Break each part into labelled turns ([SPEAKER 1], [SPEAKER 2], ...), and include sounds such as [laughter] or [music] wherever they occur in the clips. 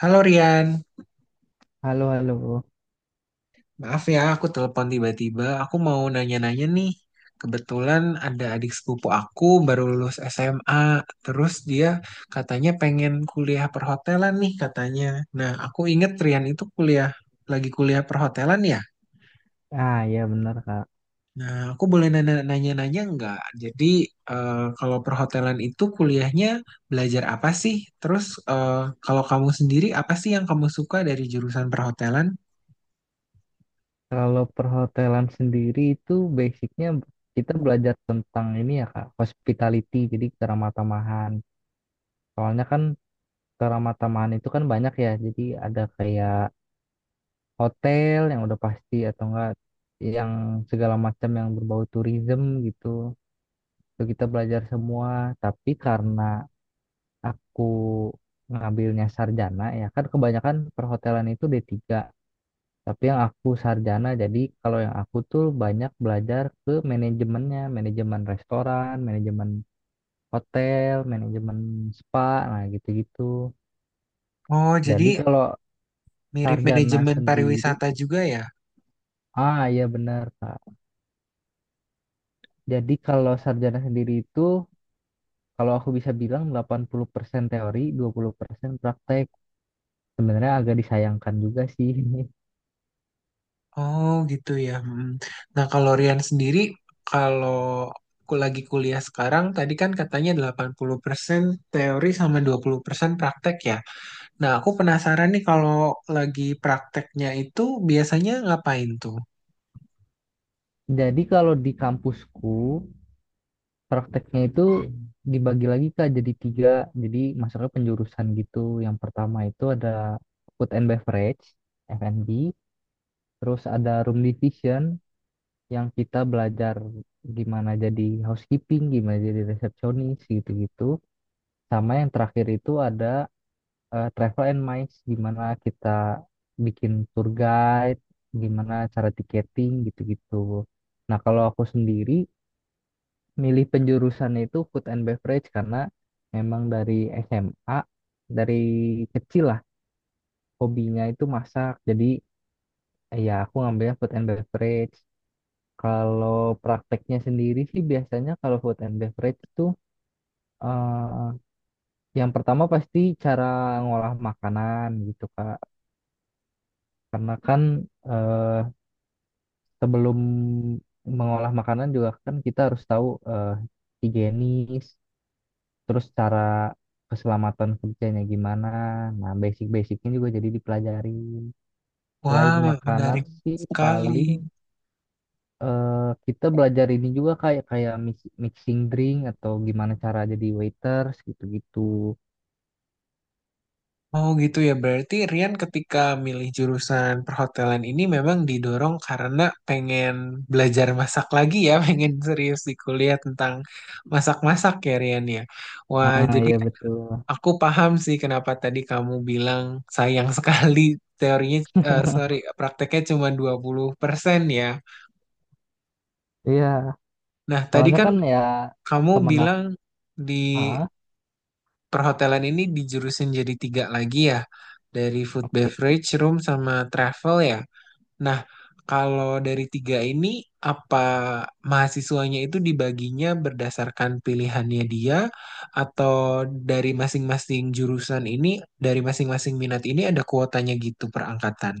[SPEAKER 1] Halo Rian,
[SPEAKER 2] Halo, halo.
[SPEAKER 1] maaf ya aku telepon tiba-tiba. Aku mau nanya-nanya nih. Kebetulan ada adik sepupu aku baru lulus SMA, terus dia katanya pengen kuliah perhotelan nih katanya. Nah, aku inget Rian itu lagi kuliah perhotelan ya.
[SPEAKER 2] Ah, ya benar, Kak.
[SPEAKER 1] Nah, aku boleh nanya-nanya nggak? Jadi kalau perhotelan itu kuliahnya belajar apa sih? Terus eh, kalau kamu sendiri apa sih yang kamu suka dari jurusan perhotelan?
[SPEAKER 2] Kalau perhotelan sendiri itu basicnya kita belajar tentang ini ya, Kak, hospitality, jadi keramah-tamahan. Soalnya kan keramah-tamahan itu kan banyak ya, jadi ada kayak hotel yang udah pasti atau enggak yang segala macam yang berbau tourism gitu. Itu kita belajar semua, tapi karena aku ngambilnya sarjana ya kan kebanyakan perhotelan itu D3. Tapi yang aku sarjana, jadi kalau yang aku tuh banyak belajar ke manajemennya, manajemen restoran, manajemen hotel, manajemen spa, nah gitu-gitu.
[SPEAKER 1] Oh,
[SPEAKER 2] Jadi
[SPEAKER 1] jadi
[SPEAKER 2] kalau
[SPEAKER 1] mirip
[SPEAKER 2] sarjana
[SPEAKER 1] manajemen
[SPEAKER 2] sendiri,
[SPEAKER 1] pariwisata juga ya?
[SPEAKER 2] Ah iya benar Kak. Jadi kalau sarjana sendiri itu, kalau aku bisa bilang 80% teori, 20% praktek. Sebenarnya agak disayangkan juga sih.
[SPEAKER 1] Oh gitu ya. Hmm. Nah, kalau Rian sendiri, kalau aku lagi kuliah sekarang, tadi kan katanya 80% teori sama 20% praktek ya. Nah, aku penasaran nih kalau lagi prakteknya itu biasanya ngapain tuh?
[SPEAKER 2] [laughs] Jadi kalau di kampusku, prakteknya itu dibagi lagi Kak jadi tiga, jadi masuknya penjurusan gitu. Yang pertama itu ada food and beverage, F&B, terus ada room division yang kita belajar gimana jadi housekeeping, gimana jadi resepsionis gitu-gitu. Sama yang terakhir itu ada travel and mice, gimana kita bikin tour guide, gimana cara tiketing gitu-gitu. Nah, kalau aku sendiri milih penjurusan itu food and beverage karena memang dari SMA dari kecil lah hobinya itu masak jadi ya aku ngambilnya food and beverage kalau prakteknya sendiri sih biasanya kalau food and beverage tuh eh, yang pertama pasti cara ngolah makanan gitu Kak karena kan eh, sebelum mengolah makanan juga kan kita harus tahu eh, higienis terus cara keselamatan kerjanya gimana. Nah, basic-basicnya juga jadi dipelajarin.
[SPEAKER 1] Wah,
[SPEAKER 2] Selain makanan
[SPEAKER 1] menarik
[SPEAKER 2] sih
[SPEAKER 1] sekali.
[SPEAKER 2] paling eh, kita belajar ini juga kayak kayak mixing drink atau gimana cara jadi waiters gitu-gitu.
[SPEAKER 1] Oh gitu ya, berarti Rian ketika milih jurusan perhotelan ini memang didorong karena pengen belajar masak lagi ya, [laughs] pengen serius di kuliah tentang masak-masak ya Rian ya. Wah,
[SPEAKER 2] Ah
[SPEAKER 1] jadi
[SPEAKER 2] iya betul.
[SPEAKER 1] aku paham sih kenapa tadi kamu bilang sayang [laughs] sekali teorinya, sorry, prakteknya cuma 20% ya.
[SPEAKER 2] Iya,
[SPEAKER 1] Nah, tadi
[SPEAKER 2] soalnya
[SPEAKER 1] kan
[SPEAKER 2] kan ya
[SPEAKER 1] kamu
[SPEAKER 2] temen aku,
[SPEAKER 1] bilang di
[SPEAKER 2] ah,
[SPEAKER 1] perhotelan ini dijurusin jadi tiga lagi ya, dari food
[SPEAKER 2] oke.
[SPEAKER 1] beverage, room, sama travel ya. Nah, kalau dari tiga ini, apa mahasiswanya itu dibaginya berdasarkan pilihannya dia, atau dari masing-masing jurusan ini, dari masing-masing minat ini ada kuotanya gitu per angkatan?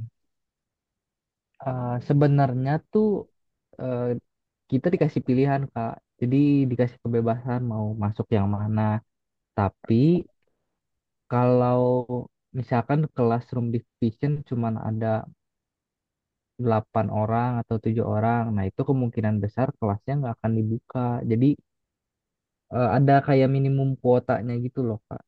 [SPEAKER 2] Sebenarnya tuh eh, kita dikasih pilihan Kak. Jadi dikasih kebebasan mau masuk yang mana. Tapi kalau misalkan kelas room division cuman ada 8 orang atau tujuh orang, nah itu kemungkinan besar kelasnya nggak akan dibuka. Jadi ada kayak minimum kuotanya gitu loh, Kak.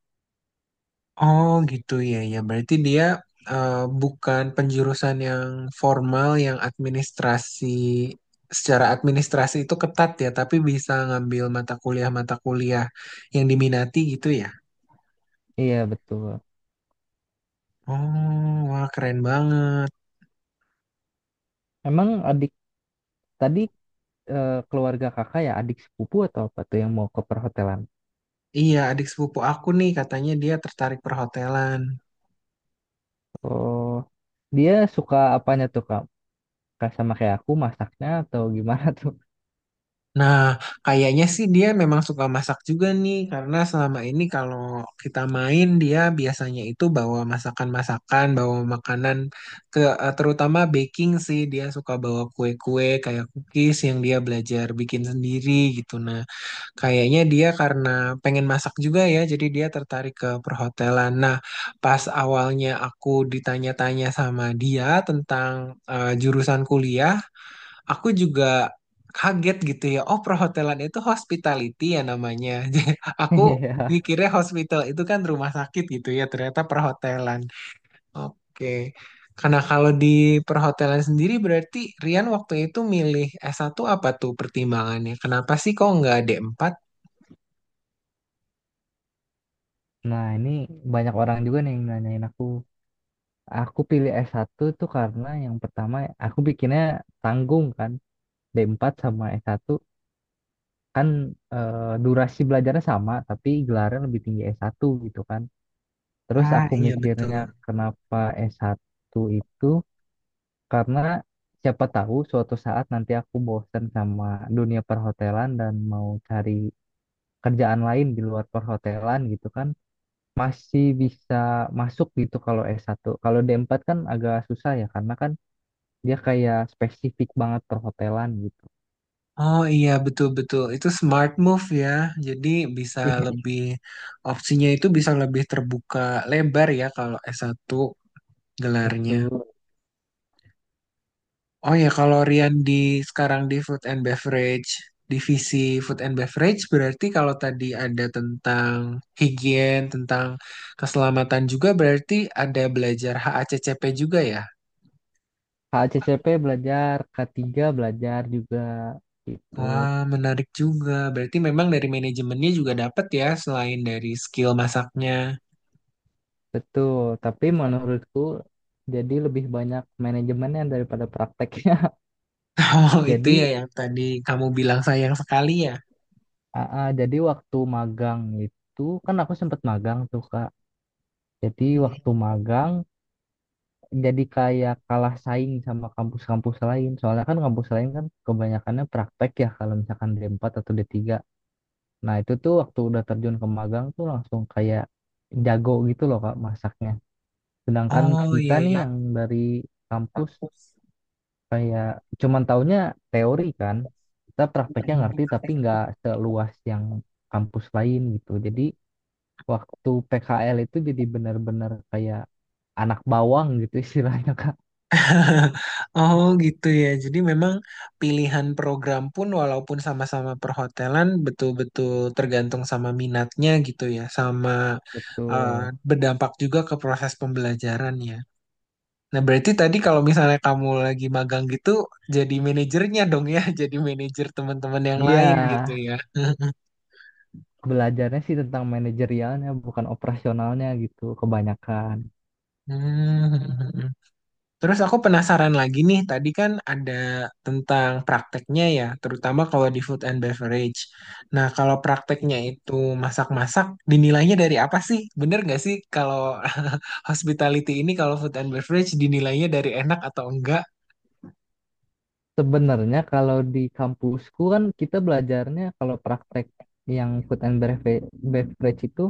[SPEAKER 1] Oh gitu ya, ya berarti dia eh, bukan penjurusan yang formal yang administrasi secara administrasi itu ketat ya tapi bisa ngambil mata kuliah-mata kuliah yang diminati gitu ya.
[SPEAKER 2] Iya, betul.
[SPEAKER 1] Oh wah, keren banget.
[SPEAKER 2] Emang adik tadi keluarga kakak ya adik sepupu atau apa tuh yang mau ke perhotelan?
[SPEAKER 1] Iya, adik sepupu aku nih katanya dia tertarik perhotelan.
[SPEAKER 2] Oh, dia suka apanya tuh, Kak? Kak sama kayak aku masaknya atau gimana tuh? [laughs]
[SPEAKER 1] Nah, kayaknya sih dia memang suka masak juga nih, karena selama ini kalau kita main dia biasanya itu bawa masakan-masakan, bawa makanan, ke, terutama baking sih dia suka bawa kue-kue kayak cookies yang dia belajar bikin sendiri gitu. Nah, kayaknya dia karena pengen masak juga ya, jadi dia tertarik ke perhotelan. Nah, pas awalnya aku ditanya-tanya sama dia tentang jurusan kuliah aku juga kaget gitu ya. Oh, perhotelan itu hospitality ya namanya. [laughs] Jadi, aku
[SPEAKER 2] Iya.
[SPEAKER 1] mikirnya hospital itu kan rumah sakit gitu ya, ternyata perhotelan. Oke. Karena kalau di perhotelan sendiri berarti Rian waktu itu milih satu apa tuh pertimbangannya? Kenapa sih kok nggak D4?
[SPEAKER 2] Nah, ini banyak orang juga nih yang nanyain aku. Aku pilih s satu tuh karena yang pertama aku bikinnya tanggung kan. D empat sama s satu kan durasi belajarnya sama tapi gelarnya lebih tinggi s satu gitu kan. Terus
[SPEAKER 1] Ah,
[SPEAKER 2] aku
[SPEAKER 1] iya betul.
[SPEAKER 2] mikirnya kenapa s satu itu karena siapa tahu suatu saat nanti aku bosen sama dunia perhotelan dan mau cari kerjaan lain di luar perhotelan gitu kan. Masih bisa masuk gitu kalau s satu. Kalau d empat kan agak susah ya karena kan dia kayak spesifik banget perhotelan gitu.
[SPEAKER 1] Oh iya, betul-betul itu smart move ya. Jadi bisa
[SPEAKER 2] [laughs] Iya,
[SPEAKER 1] lebih opsinya itu bisa lebih terbuka lebar ya kalau S1 gelarnya.
[SPEAKER 2] betul.
[SPEAKER 1] Oh ya, kalau Rian di sekarang di food and beverage, divisi food and beverage berarti kalau tadi ada tentang higien, tentang keselamatan juga berarti ada belajar HACCP juga ya.
[SPEAKER 2] HACCP belajar, K3 belajar juga gitu.
[SPEAKER 1] Wah, menarik juga. Berarti memang dari manajemennya juga dapat ya selain dari skill masaknya.
[SPEAKER 2] Betul, tapi menurutku jadi lebih banyak manajemennya daripada prakteknya. [laughs]
[SPEAKER 1] [laughs] Oh, itu ya
[SPEAKER 2] Jadi,
[SPEAKER 1] yang tadi kamu bilang sayang sekali ya.
[SPEAKER 2] jadi waktu magang itu kan aku sempat magang tuh Kak. Jadi waktu magang jadi kayak kalah saing sama kampus-kampus lain. Soalnya kan kampus lain kan kebanyakannya praktek ya kalau misalkan D4 atau D3. Nah, itu tuh waktu udah terjun ke magang tuh langsung kayak jago gitu loh Kak masaknya. Sedangkan
[SPEAKER 1] Oh
[SPEAKER 2] kita
[SPEAKER 1] iya
[SPEAKER 2] nih
[SPEAKER 1] iya.
[SPEAKER 2] yang dari kampus kayak cuman taunya teori kan. Kita prakteknya ngerti tapi nggak seluas yang kampus lain gitu. Jadi waktu PKL itu jadi benar-benar kayak anak bawang gitu [laughs] istilahnya Kak.
[SPEAKER 1] Oh gitu ya. Jadi memang pilihan program pun walaupun sama-sama perhotelan betul-betul tergantung sama minatnya gitu ya, sama eh,
[SPEAKER 2] Betul.
[SPEAKER 1] berdampak juga ke proses pembelajaran ya. Nah, berarti tadi kalau misalnya kamu lagi magang gitu, jadi manajernya dong ya, [laughs] jadi manajer teman-teman yang
[SPEAKER 2] Iya,
[SPEAKER 1] lain ya, gitu ya. [laughs]
[SPEAKER 2] belajarnya sih tentang manajerialnya bukan operasionalnya gitu kebanyakan.
[SPEAKER 1] Hmm. Terus aku penasaran lagi nih, tadi kan ada tentang prakteknya ya, terutama kalau di food and beverage. Nah, kalau prakteknya itu masak-masak, dinilainya dari apa sih? Bener nggak sih kalau [laughs] hospitality ini, kalau food and beverage dinilainya dari enak atau enggak?
[SPEAKER 2] Sebenarnya kalau di kampusku kan kita belajarnya kalau praktek yang food and beverage, beverage itu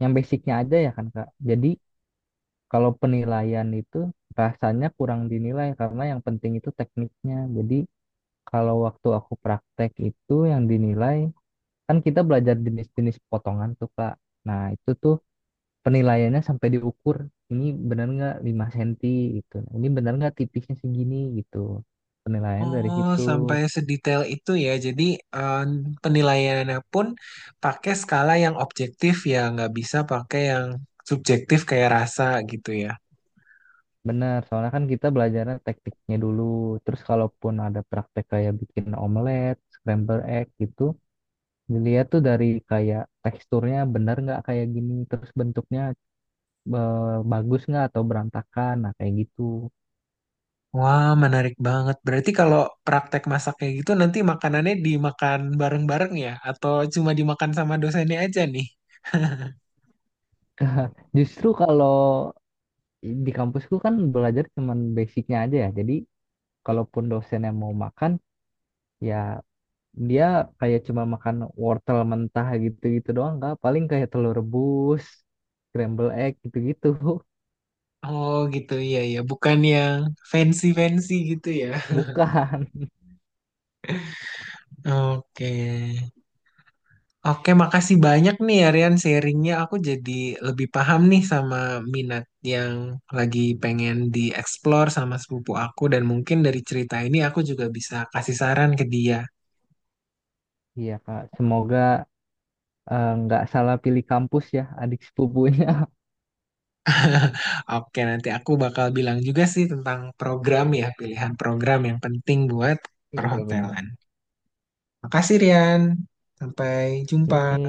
[SPEAKER 2] yang basicnya aja ya kan Kak. Jadi kalau penilaian itu rasanya kurang dinilai karena yang penting itu tekniknya. Jadi kalau waktu aku praktek itu yang dinilai kan kita belajar jenis-jenis potongan tuh Kak. Nah itu tuh penilaiannya sampai diukur ini benar nggak 5 cm gitu. Ini benar nggak tipisnya segini gitu. Penilaian dari
[SPEAKER 1] Oh,
[SPEAKER 2] situ.
[SPEAKER 1] sampai sedetail itu ya. Jadi eh, penilaiannya pun pakai skala yang objektif ya, nggak bisa pakai yang subjektif kayak rasa gitu ya.
[SPEAKER 2] Benar, soalnya kan kita belajarnya tekniknya dulu. Terus kalaupun ada praktek kayak bikin omelet, scramble egg gitu, dilihat tuh dari kayak teksturnya benar nggak kayak gini, terus bentuknya bagus nggak atau berantakan, nah kayak gitu.
[SPEAKER 1] Wah, menarik banget. Berarti kalau praktek masak kayak gitu nanti makanannya dimakan bareng-bareng ya? Atau cuma dimakan sama dosennya aja nih?
[SPEAKER 2] Justru kalau di kampusku kan belajar cuman basicnya aja ya. Jadi kalaupun dosennya mau makan, ya dia kayak cuma makan wortel mentah gitu-gitu doang nggak, paling kayak telur rebus, scramble egg gitu-gitu.
[SPEAKER 1] Oh gitu, iya ya, bukan yang fancy-fancy gitu ya.
[SPEAKER 2] Bukan. [laughs]
[SPEAKER 1] Oke. Oke, makasih banyak nih Aryan sharingnya. Aku jadi lebih paham nih sama minat yang lagi pengen dieksplor sama sepupu aku. Dan mungkin dari cerita ini aku juga bisa kasih saran ke dia.
[SPEAKER 2] Iya, Kak. Semoga nggak salah pilih kampus ya adik sepupunya.
[SPEAKER 1] Oke, nanti aku bakal bilang juga sih tentang program ya, pilihan program yang penting buat
[SPEAKER 2] [laughs] Iya, benar.
[SPEAKER 1] perhotelan. Makasih Rian, sampai jumpa.
[SPEAKER 2] Oke.